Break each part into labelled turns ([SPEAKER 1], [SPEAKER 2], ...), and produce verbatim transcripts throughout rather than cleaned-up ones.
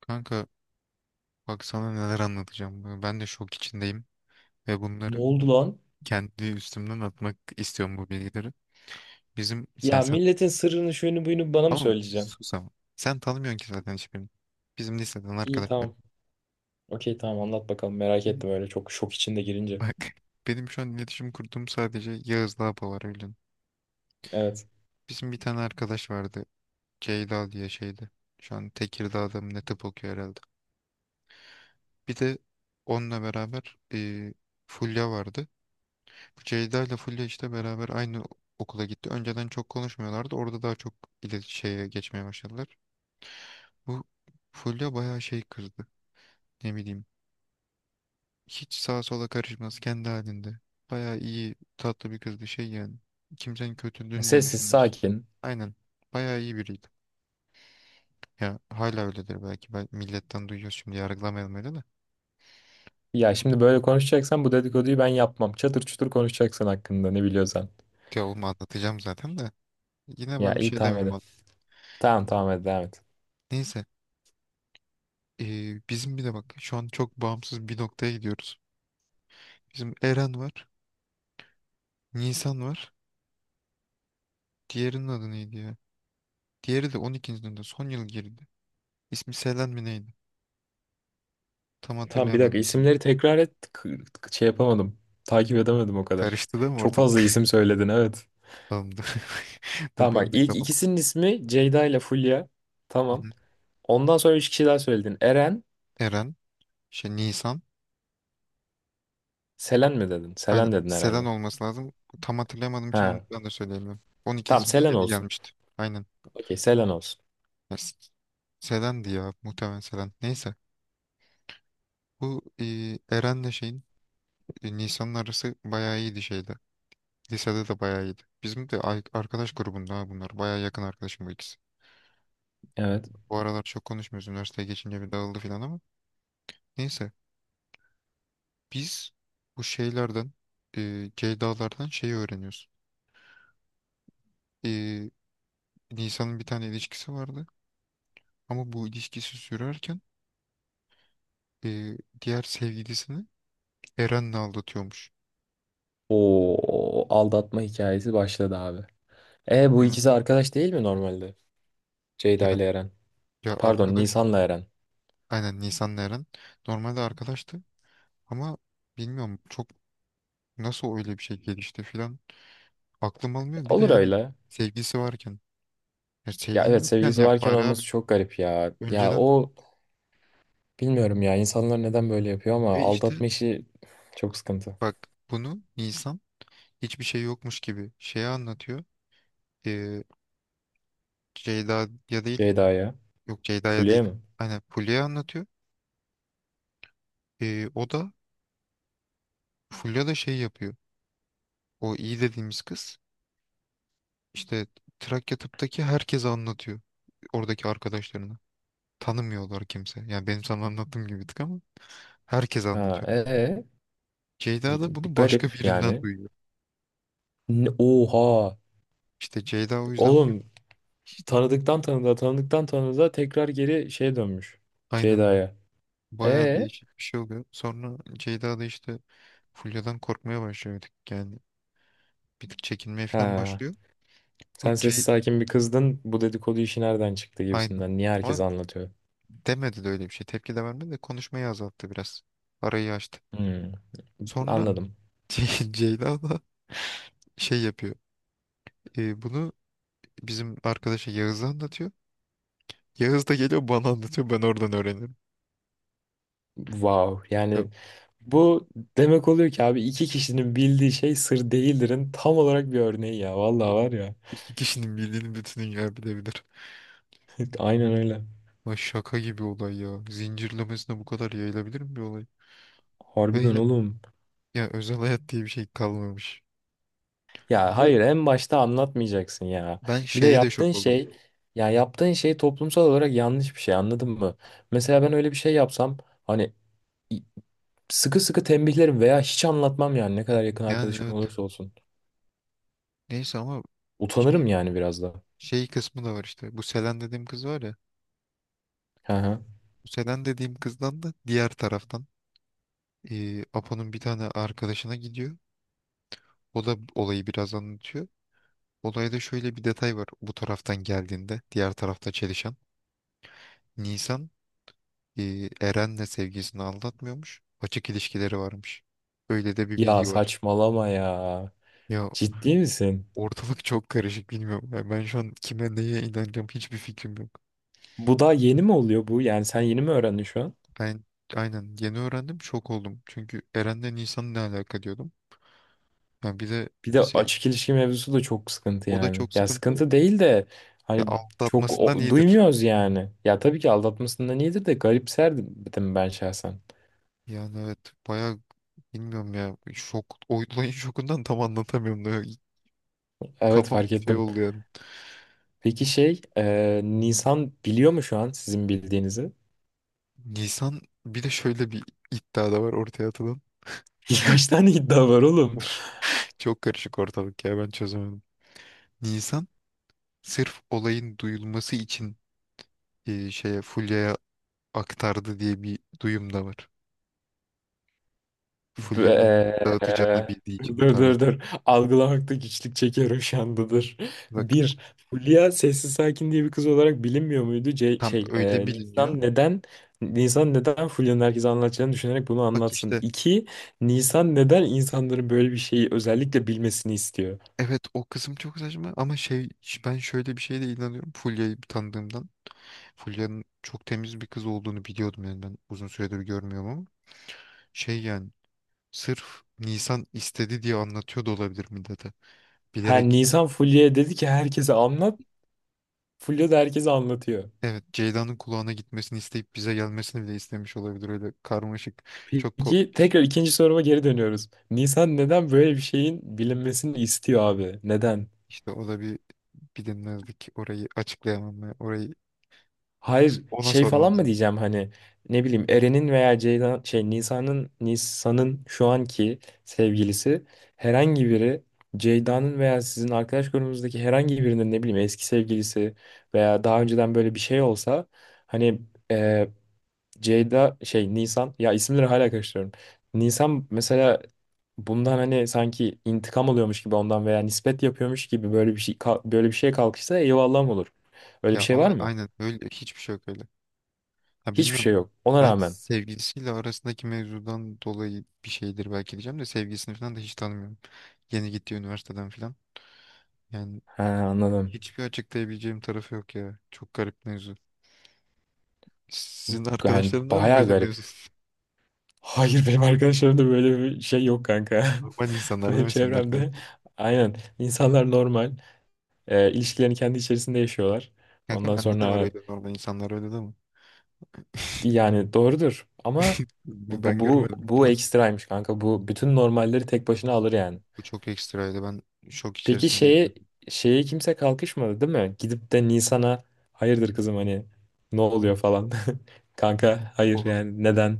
[SPEAKER 1] Kanka, bak sana neler anlatacağım. Ee, Ben de şok içindeyim ve
[SPEAKER 2] Ne
[SPEAKER 1] bunları
[SPEAKER 2] oldu lan?
[SPEAKER 1] kendi üstümden atmak istiyorum bu bilgileri. Bizim sen
[SPEAKER 2] Ya
[SPEAKER 1] sen
[SPEAKER 2] milletin sırrını şuyunu buyunu bana mı
[SPEAKER 1] ama
[SPEAKER 2] söyleyeceksin?
[SPEAKER 1] sus ama. Sen tanımıyorsun ki zaten hiçbirini. Bizim liseden
[SPEAKER 2] İyi
[SPEAKER 1] arkadaşlar.
[SPEAKER 2] tamam. Okey tamam anlat bakalım. Merak
[SPEAKER 1] Benim-
[SPEAKER 2] ettim öyle çok şok içinde girince.
[SPEAKER 1] Bak, benim şu an iletişim kurduğum sadece Yağız'la Apo var, biliyorsun.
[SPEAKER 2] Evet.
[SPEAKER 1] Bizim bir tane arkadaş vardı. Ceyda diye şeydi. Şu an Tekirdağ'da mı ne tıp okuyor herhalde. Bir de onunla beraber e, Fulya vardı. Ceyda ile Fulya işte beraber aynı okula gitti. Önceden çok konuşmuyorlardı. Orada daha çok ilet şeye geçmeye başladılar. Bu Fulya bayağı şey kızdı. Ne bileyim. Hiç sağa sola karışmaz, kendi halinde. Bayağı iyi, tatlı bir kızdı şey yani. Kimsenin kötülüğünü de
[SPEAKER 2] Sessiz
[SPEAKER 1] düşünmez.
[SPEAKER 2] sakin.
[SPEAKER 1] Aynen. Bayağı iyi biriydi. Ya hala öyledir belki. Ben milletten duyuyoruz, şimdi yargılamayalım öyle de.
[SPEAKER 2] Ya şimdi böyle konuşacaksan bu dedikoduyu ben yapmam. Çatır çutur konuşacaksın hakkında ne biliyorsan.
[SPEAKER 1] Ya oğlum, anlatacağım zaten de. Yine
[SPEAKER 2] Ya
[SPEAKER 1] ben bir
[SPEAKER 2] iyi
[SPEAKER 1] şey
[SPEAKER 2] tamam
[SPEAKER 1] demeyeyim
[SPEAKER 2] hadi.
[SPEAKER 1] ona.
[SPEAKER 2] Tamam, tamam, hadi devam et.
[SPEAKER 1] Neyse. Ee, bizim bir de bak şu an çok bağımsız bir noktaya gidiyoruz. Bizim Eren var. Nisan var. Diğerinin adı neydi ya? Diğeri de on ikinci.'sinde son yıl girdi. İsmi Selen mi neydi? Tam
[SPEAKER 2] Tamam, bir
[SPEAKER 1] hatırlayamadım
[SPEAKER 2] dakika
[SPEAKER 1] ismini.
[SPEAKER 2] isimleri tekrar et. K- k- şey yapamadım. Takip edemedim o kadar.
[SPEAKER 1] Karıştı değil mi
[SPEAKER 2] Çok fazla
[SPEAKER 1] ortalık?
[SPEAKER 2] isim söyledin, evet.
[SPEAKER 1] Tamamdı. Bak
[SPEAKER 2] Tamam, bak,
[SPEAKER 1] benim de
[SPEAKER 2] ilk
[SPEAKER 1] kafam.
[SPEAKER 2] ikisinin ismi Ceyda ile Fulya.
[SPEAKER 1] Hı
[SPEAKER 2] Tamam.
[SPEAKER 1] hı.
[SPEAKER 2] Ondan sonra üç kişi daha söyledin. Eren.
[SPEAKER 1] Eren, şey Nisan.
[SPEAKER 2] Selen mi dedin?
[SPEAKER 1] Aynen,
[SPEAKER 2] Selen dedin
[SPEAKER 1] Selen
[SPEAKER 2] herhalde.
[SPEAKER 1] olması lazım. Tam hatırlayamadığım için onu
[SPEAKER 2] Ha.
[SPEAKER 1] ben de söyleyemiyorum. on ikinci
[SPEAKER 2] Tamam,
[SPEAKER 1] sınıfta
[SPEAKER 2] Selen
[SPEAKER 1] yeni
[SPEAKER 2] olsun.
[SPEAKER 1] gelmişti. Aynen.
[SPEAKER 2] Okey, Selen olsun.
[SPEAKER 1] Ya, S- Selen'di ya, muhtemelen Selen. Neyse. Bu e, Eren'le şeyin e, Nisan'ın arası bayağı iyiydi şeyde. Lisede de bayağı iyiydi. Bizim de ay- arkadaş grubunda ha bunlar. Bayağı yakın arkadaşım bu ikisi.
[SPEAKER 2] Evet.
[SPEAKER 1] Bu aralar çok konuşmuyoruz. Üniversiteye geçince bir dağıldı falan ama. Neyse. Biz bu şeylerden, e, Ceyda'lardan şeyi öğreniyoruz. E, Nisan'ın bir tane ilişkisi vardı. Ama bu ilişkisi sürerken e, diğer sevgilisini Eren'le aldatıyormuş.
[SPEAKER 2] O aldatma hikayesi başladı abi. E, bu
[SPEAKER 1] Ya,
[SPEAKER 2] ikisi arkadaş değil mi normalde?
[SPEAKER 1] ya,
[SPEAKER 2] Ceyda ile Eren.
[SPEAKER 1] ya
[SPEAKER 2] Pardon,
[SPEAKER 1] arkadaş.
[SPEAKER 2] Nisan'la Eren.
[SPEAKER 1] Aynen, Nisan'la Eren. Normalde arkadaştı. Ama bilmiyorum, çok nasıl öyle bir şey gelişti filan. Aklım
[SPEAKER 2] E,
[SPEAKER 1] almıyor. Bir de
[SPEAKER 2] olur
[SPEAKER 1] yani
[SPEAKER 2] öyle.
[SPEAKER 1] sevgisi varken. Ya
[SPEAKER 2] Ya
[SPEAKER 1] sevgin
[SPEAKER 2] evet,
[SPEAKER 1] yokken
[SPEAKER 2] sevgilisi
[SPEAKER 1] yap
[SPEAKER 2] varken
[SPEAKER 1] bari abi.
[SPEAKER 2] olması çok garip ya. Ya,
[SPEAKER 1] Önceden
[SPEAKER 2] o, bilmiyorum ya, insanlar neden böyle yapıyor ama
[SPEAKER 1] ve işte
[SPEAKER 2] aldatma işi çok sıkıntı.
[SPEAKER 1] bak, bunu Nisan hiçbir şey yokmuş gibi şeye anlatıyor. Ee, Ceyda'ya değil.
[SPEAKER 2] Ceyda'ya.
[SPEAKER 1] Yok, Ceyda'ya değil.
[SPEAKER 2] Fulya mı?
[SPEAKER 1] Aynen, Fulya'ya anlatıyor. Ee, o da Fulya da şey yapıyor. O iyi dediğimiz kız işte Trakya tıptaki herkese anlatıyor. Oradaki arkadaşlarına. Tanımıyorlar kimse. Yani benim sana anlattığım gibi bir tık ama herkes
[SPEAKER 2] Ha
[SPEAKER 1] anlatıyor.
[SPEAKER 2] e, e.
[SPEAKER 1] Ceyda da bunu başka
[SPEAKER 2] Garip
[SPEAKER 1] birinden
[SPEAKER 2] yani.
[SPEAKER 1] duyuyor.
[SPEAKER 2] Ne- Oha.
[SPEAKER 1] İşte Ceyda o yüzden full
[SPEAKER 2] Oğlum, tanıdıktan tanıdığa, tanıdıktan tanıdığa tekrar geri şeye dönmüş.
[SPEAKER 1] aynen
[SPEAKER 2] Ceyda'ya.
[SPEAKER 1] bayağı
[SPEAKER 2] Ee,
[SPEAKER 1] değişik bir şey oluyor. Sonra Ceyda da işte Fulya'dan korkmaya başlıyor bir tık yani. Bir tık çekinmeye falan
[SPEAKER 2] ha.
[SPEAKER 1] başlıyor.
[SPEAKER 2] Sen
[SPEAKER 1] Bu C
[SPEAKER 2] sessiz sakin bir kızdın. Bu dedikodu işi nereden çıktı
[SPEAKER 1] aynen.
[SPEAKER 2] gibisinden. Niye herkes
[SPEAKER 1] Ama
[SPEAKER 2] anlatıyor?
[SPEAKER 1] demedi de öyle bir şey. Tepki de vermedi de konuşmayı azalttı biraz. Arayı açtı.
[SPEAKER 2] Hmm,
[SPEAKER 1] Sonra
[SPEAKER 2] Anladım.
[SPEAKER 1] Ce- Ceyda da şey yapıyor. E, bunu bizim arkadaşa Yağız'a anlatıyor. Yağız da geliyor bana anlatıyor. Ben oradan öğrenirim.
[SPEAKER 2] Wow.
[SPEAKER 1] Ya,
[SPEAKER 2] Yani bu demek oluyor ki abi, iki kişinin bildiği şey sır değildirin tam olarak bir örneği ya. Vallahi var ya.
[SPEAKER 1] İki kişinin bildiğini bütün dünya bilebilir.
[SPEAKER 2] Aynen öyle.
[SPEAKER 1] Ay, şaka gibi olay ya. Zincirlemesine bu kadar yayılabilir mi bir olay? Ve
[SPEAKER 2] Harbiden
[SPEAKER 1] ya,
[SPEAKER 2] oğlum.
[SPEAKER 1] ya özel hayat diye bir şey kalmamış.
[SPEAKER 2] Ya
[SPEAKER 1] Ve
[SPEAKER 2] hayır, en başta anlatmayacaksın ya.
[SPEAKER 1] ben
[SPEAKER 2] Bir de
[SPEAKER 1] şeye de
[SPEAKER 2] yaptığın
[SPEAKER 1] şok oldum.
[SPEAKER 2] şey ya yaptığın şey toplumsal olarak yanlış bir şey, anladın mı? Mesela ben öyle bir şey yapsam, hani, i- sıkı sıkı tembihlerim veya hiç anlatmam yani, ne kadar yakın
[SPEAKER 1] Yani
[SPEAKER 2] arkadaşım
[SPEAKER 1] evet.
[SPEAKER 2] olursa olsun.
[SPEAKER 1] Neyse ama şey,
[SPEAKER 2] Utanırım yani biraz da.
[SPEAKER 1] şey kısmı da var işte. Bu Selen dediğim kız var ya.
[SPEAKER 2] Hı hı.
[SPEAKER 1] Bu Selen dediğim kızdan da diğer taraftan eee, Apo'nun bir tane arkadaşına gidiyor. O da olayı biraz anlatıyor. Olayda şöyle bir detay var. Bu taraftan geldiğinde diğer tarafta çelişen. Nisan eee, Eren'le sevgilisini aldatmıyormuş. Açık ilişkileri varmış. Öyle de bir
[SPEAKER 2] Ya
[SPEAKER 1] bilgi var.
[SPEAKER 2] saçmalama ya.
[SPEAKER 1] Ya,
[SPEAKER 2] Ciddi misin?
[SPEAKER 1] ortalık çok karışık, bilmiyorum. Yani ben şu an kime neye inanacağım hiçbir fikrim yok.
[SPEAKER 2] Bu daha yeni mi oluyor bu? Yani sen yeni mi öğrendin şu an?
[SPEAKER 1] Ben aynen yeni öğrendim, şok oldum. Çünkü Eren'le Nisan ne alaka diyordum. Yani bir de
[SPEAKER 2] Bir de
[SPEAKER 1] şey,
[SPEAKER 2] açık ilişki mevzusu da çok sıkıntı
[SPEAKER 1] o da
[SPEAKER 2] yani.
[SPEAKER 1] çok
[SPEAKER 2] Ya
[SPEAKER 1] sıkıntı.
[SPEAKER 2] sıkıntı değil de,
[SPEAKER 1] Ya
[SPEAKER 2] hani, çok
[SPEAKER 1] atmasından
[SPEAKER 2] o-
[SPEAKER 1] iyidir.
[SPEAKER 2] duymuyoruz yani. Ya tabii ki aldatmasından iyidir de, garipserdim ben şahsen.
[SPEAKER 1] Yani evet bayağı, bilmiyorum ya, şok olayın şokundan tam anlatamıyorum da
[SPEAKER 2] Evet,
[SPEAKER 1] kafam
[SPEAKER 2] fark
[SPEAKER 1] şey
[SPEAKER 2] ettim.
[SPEAKER 1] oldu yani.
[SPEAKER 2] Peki şey e, Nisan biliyor mu şu an sizin bildiğinizi?
[SPEAKER 1] Nisan, bir de şöyle bir iddia da var ortaya atılan.
[SPEAKER 2] Kaç tane iddia var oğlum?
[SPEAKER 1] Çok karışık ortalık ya, ben çözemedim. Nisan sırf olayın duyulması için e, şeye Fulya'ya aktardı diye bir duyum da var. Fulya'nın
[SPEAKER 2] B-
[SPEAKER 1] dağıtacağını bildiği için
[SPEAKER 2] Dur,
[SPEAKER 1] tarzı.
[SPEAKER 2] dur, dur. Algılamakta güçlük çekiyorum şu anda, dur.
[SPEAKER 1] Bak,
[SPEAKER 2] Bir, Fulya sessiz sakin diye bir kız olarak bilinmiyor muydu? C
[SPEAKER 1] tam
[SPEAKER 2] şey,
[SPEAKER 1] öyle
[SPEAKER 2] eee,
[SPEAKER 1] biliniyor.
[SPEAKER 2] Nisan neden Nisan neden Fulya'nın herkese anlatacağını düşünerek bunu
[SPEAKER 1] Bak
[SPEAKER 2] anlatsın.
[SPEAKER 1] işte
[SPEAKER 2] İki, Nisan neden insanların böyle bir şeyi özellikle bilmesini istiyor?
[SPEAKER 1] evet, o kısım çok saçma ama şey, ben şöyle bir şeye de inanıyorum Fulya'yı tanıdığımdan. Fulya'nın çok temiz bir kız olduğunu biliyordum yani, ben uzun süredir görmüyorum ama şey yani, sırf Nisan istedi diye anlatıyor da olabilir millete.
[SPEAKER 2] Ha,
[SPEAKER 1] Bilerek
[SPEAKER 2] Nisan Fulya'ya dedi ki herkese anlat. Fulya da herkese anlatıyor.
[SPEAKER 1] evet, Ceyda'nın kulağına gitmesini isteyip bize gelmesini bile istemiş olabilir, öyle karmaşık. çok ko-
[SPEAKER 2] Peki, tekrar ikinci soruma geri dönüyoruz. Nisan neden böyle bir şeyin bilinmesini istiyor abi? Neden?
[SPEAKER 1] işte o da bir bilinmezlik, orayı açıklayamam ben. Orayı
[SPEAKER 2] Hayır,
[SPEAKER 1] ona
[SPEAKER 2] şey
[SPEAKER 1] sormam
[SPEAKER 2] falan mı
[SPEAKER 1] lazım.
[SPEAKER 2] diyeceğim, hani, ne bileyim, Eren'in veya Ceylan şey Nisa'nın Nisa'nın şu anki sevgilisi, herhangi biri, Ceyda'nın veya sizin arkadaş grubumuzdaki herhangi birinin, ne bileyim, eski sevgilisi veya daha önceden böyle bir şey olsa, hani, e, Ceyda şey Nisan, ya isimleri hala karıştırıyorum. Nisan mesela bundan, hani, sanki intikam alıyormuş gibi ondan veya nispet yapıyormuş gibi, böyle bir şey böyle bir şeye kalkışsa eyvallah mı olur? Öyle bir
[SPEAKER 1] Ya
[SPEAKER 2] şey var
[SPEAKER 1] ama
[SPEAKER 2] mı?
[SPEAKER 1] aynen öyle, hiçbir şey yok öyle. Ha,
[SPEAKER 2] Hiçbir
[SPEAKER 1] bilmiyorum,
[SPEAKER 2] şey yok. Ona
[SPEAKER 1] belki
[SPEAKER 2] rağmen.
[SPEAKER 1] sevgilisiyle arasındaki mevzudan dolayı bir şeydir belki diyeceğim de, sevgilisini falan da hiç tanımıyorum. Yeni gittiği üniversiteden falan. Yani
[SPEAKER 2] He, anladım.
[SPEAKER 1] hiçbir açıklayabileceğim tarafı yok ya. Çok garip mevzu. Sizin
[SPEAKER 2] Yani
[SPEAKER 1] arkadaşların var mı
[SPEAKER 2] bayağı
[SPEAKER 1] böyle
[SPEAKER 2] garip.
[SPEAKER 1] mevzu?
[SPEAKER 2] Hayır, benim arkadaşlarımda böyle bir şey yok kanka.
[SPEAKER 1] Normal insanlar değil
[SPEAKER 2] Benim
[SPEAKER 1] mi senin arkadaş?
[SPEAKER 2] çevremde, aynen, insanlar normal. E, ilişkilerini kendi içerisinde yaşıyorlar.
[SPEAKER 1] Kanka
[SPEAKER 2] Ondan
[SPEAKER 1] bende de var
[SPEAKER 2] sonra,
[SPEAKER 1] öyle, normal insanlar, öyle değil mi?
[SPEAKER 2] yani, doğrudur ama bu, bu,
[SPEAKER 1] Ben
[SPEAKER 2] bu,
[SPEAKER 1] görmedim.
[SPEAKER 2] bu ekstraymış kanka. Bu bütün normalleri tek başına alır yani.
[SPEAKER 1] Bu çok ekstraydı. Ben şok
[SPEAKER 2] Peki
[SPEAKER 1] içerisindeydim.
[SPEAKER 2] şeye şeye kimse kalkışmadı değil mi? Gidip de Nisan'a hayırdır kızım, hani, ne oluyor falan. Kanka hayır, yani neden?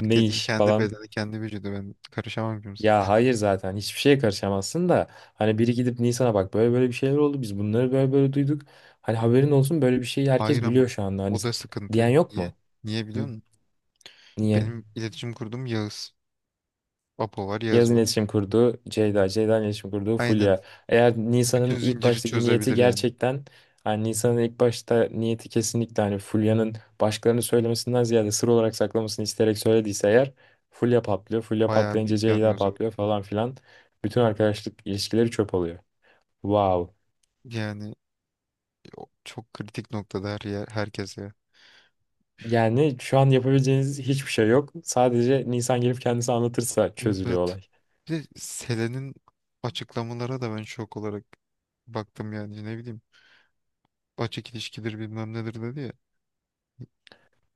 [SPEAKER 2] Ne iş
[SPEAKER 1] kendi
[SPEAKER 2] falan.
[SPEAKER 1] bedeni, kendi vücudu. Ben karışamam kimse.
[SPEAKER 2] Ya hayır, zaten hiçbir şeye karışamazsın da, hani, biri gidip Nisan'a bak böyle böyle bir şeyler oldu, biz bunları böyle böyle duyduk. Hani haberin olsun, böyle bir şeyi
[SPEAKER 1] Hayır
[SPEAKER 2] herkes
[SPEAKER 1] ama
[SPEAKER 2] biliyor şu anda, hani,
[SPEAKER 1] o da
[SPEAKER 2] diyen
[SPEAKER 1] sıkıntı.
[SPEAKER 2] yok
[SPEAKER 1] Niye?
[SPEAKER 2] mu?
[SPEAKER 1] Niye biliyor
[SPEAKER 2] N-
[SPEAKER 1] musun?
[SPEAKER 2] Niye?
[SPEAKER 1] Benim iletişim kurduğum Yağız. Apo var, Yağız
[SPEAKER 2] Yaz'ın
[SPEAKER 1] var.
[SPEAKER 2] iletişim kurduğu Ceyda, Ceyda'nın iletişim kurduğu
[SPEAKER 1] Aynen.
[SPEAKER 2] Fulya. Eğer
[SPEAKER 1] Bütün
[SPEAKER 2] Nisan'ın ilk
[SPEAKER 1] zinciri
[SPEAKER 2] baştaki niyeti
[SPEAKER 1] çözebilir yani.
[SPEAKER 2] gerçekten, hani Nisan'ın ilk başta niyeti kesinlikle, hani Fulya'nın başkalarını söylemesinden ziyade sır olarak saklamasını isteyerek söylediyse eğer, Fulya patlıyor. Fulya
[SPEAKER 1] Bayağı
[SPEAKER 2] patlayınca
[SPEAKER 1] bir
[SPEAKER 2] Ceyda
[SPEAKER 1] yanıyoruz orada.
[SPEAKER 2] patlıyor falan filan. Bütün arkadaşlık ilişkileri çöp oluyor. Wow.
[SPEAKER 1] Yani o çok kritik noktada her yer, herkes ya.
[SPEAKER 2] Yani şu an yapabileceğiniz hiçbir şey yok. Sadece Nisan gelip kendisi anlatırsa
[SPEAKER 1] Evet
[SPEAKER 2] çözülüyor
[SPEAKER 1] evet.
[SPEAKER 2] olay.
[SPEAKER 1] Bir de Selen'in açıklamalara da ben şok olarak baktım yani, ne bileyim. Açık ilişkidir bilmem nedir dedi ya.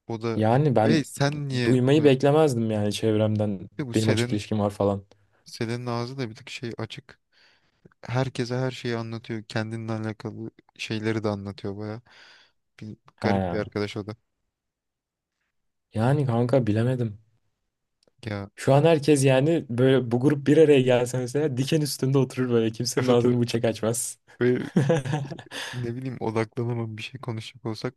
[SPEAKER 1] O da
[SPEAKER 2] Yani
[SPEAKER 1] ve
[SPEAKER 2] ben
[SPEAKER 1] sen niye
[SPEAKER 2] duymayı
[SPEAKER 1] bunu
[SPEAKER 2] beklemezdim yani çevremden,
[SPEAKER 1] bir de bu
[SPEAKER 2] benim açık
[SPEAKER 1] Selen'in
[SPEAKER 2] ilişkim var falan.
[SPEAKER 1] Selen'in ağzı da bir tık şey açık. Herkese her şeyi anlatıyor. Kendinle alakalı şeyleri de anlatıyor baya. Bir, garip bir
[SPEAKER 2] Ha.
[SPEAKER 1] arkadaş o da.
[SPEAKER 2] Yani kanka, bilemedim.
[SPEAKER 1] Ya
[SPEAKER 2] Şu an herkes yani, böyle bu grup bir araya gelse mesela, diken üstünde oturur, böyle kimsenin
[SPEAKER 1] evet evet.
[SPEAKER 2] ağzını bıçak açmaz.
[SPEAKER 1] Böyle ne bileyim, odaklanamam, bir şey konuşacak olsak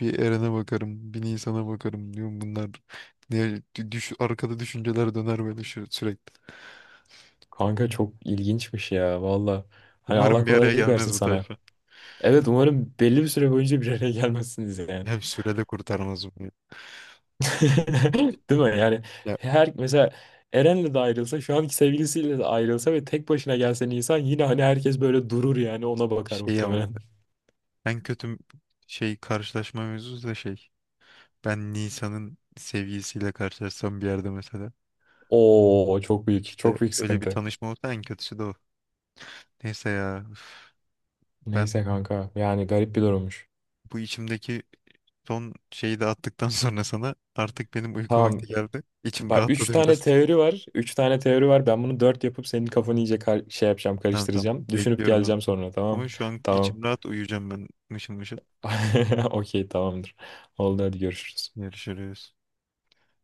[SPEAKER 1] bir Eren'e bakarım, bir Nisan'a bakarım diyorum bunlar. Ne, düş, arkada düşünceler döner böyle şu, sürekli.
[SPEAKER 2] Kanka çok ilginçmiş ya, valla. Hani Allah
[SPEAKER 1] Umarım bir araya
[SPEAKER 2] kolaylık versin
[SPEAKER 1] gelmez bu
[SPEAKER 2] sana.
[SPEAKER 1] tayfa.
[SPEAKER 2] Evet, umarım belli bir süre boyunca bir araya gelmezsiniz yani.
[SPEAKER 1] Hem sürede kurtarmaz bunu.
[SPEAKER 2] Değil mi? Yani
[SPEAKER 1] Ya
[SPEAKER 2] her, mesela Eren'le de ayrılsa, şu anki sevgilisiyle de ayrılsa ve tek başına gelse Nisan, yine hani herkes böyle durur yani, ona bakar
[SPEAKER 1] şey ama
[SPEAKER 2] muhtemelen.
[SPEAKER 1] en kötü şey karşılaşma mevzusu da şey. Ben Nisan'ın sevgilisiyle karşılaşsam bir yerde mesela.
[SPEAKER 2] Oo, çok büyük,
[SPEAKER 1] İşte
[SPEAKER 2] çok büyük
[SPEAKER 1] öyle bir
[SPEAKER 2] sıkıntı.
[SPEAKER 1] tanışma olsa en kötüsü de o. Neyse ya, üf, ben
[SPEAKER 2] Neyse kanka, yani garip bir durummuş.
[SPEAKER 1] bu içimdeki son şeyi de attıktan sonra sana artık benim uyku vakti
[SPEAKER 2] Tamam
[SPEAKER 1] geldi. İçim
[SPEAKER 2] bak, üç
[SPEAKER 1] rahatladı
[SPEAKER 2] tane
[SPEAKER 1] biraz.
[SPEAKER 2] teori var. Üç tane teori var. Ben bunu dört yapıp senin kafanı iyice kar- şey yapacağım
[SPEAKER 1] Tamam tamam,
[SPEAKER 2] karıştıracağım. Düşünüp
[SPEAKER 1] bekliyorum ben.
[SPEAKER 2] geleceğim sonra,
[SPEAKER 1] Ama
[SPEAKER 2] tamam.
[SPEAKER 1] şu an
[SPEAKER 2] Tamam.
[SPEAKER 1] içim rahat, uyuyacağım ben mışıl mışıl.
[SPEAKER 2] Okey, tamamdır. Oldu, hadi görüşürüz.
[SPEAKER 1] Görüşürüz.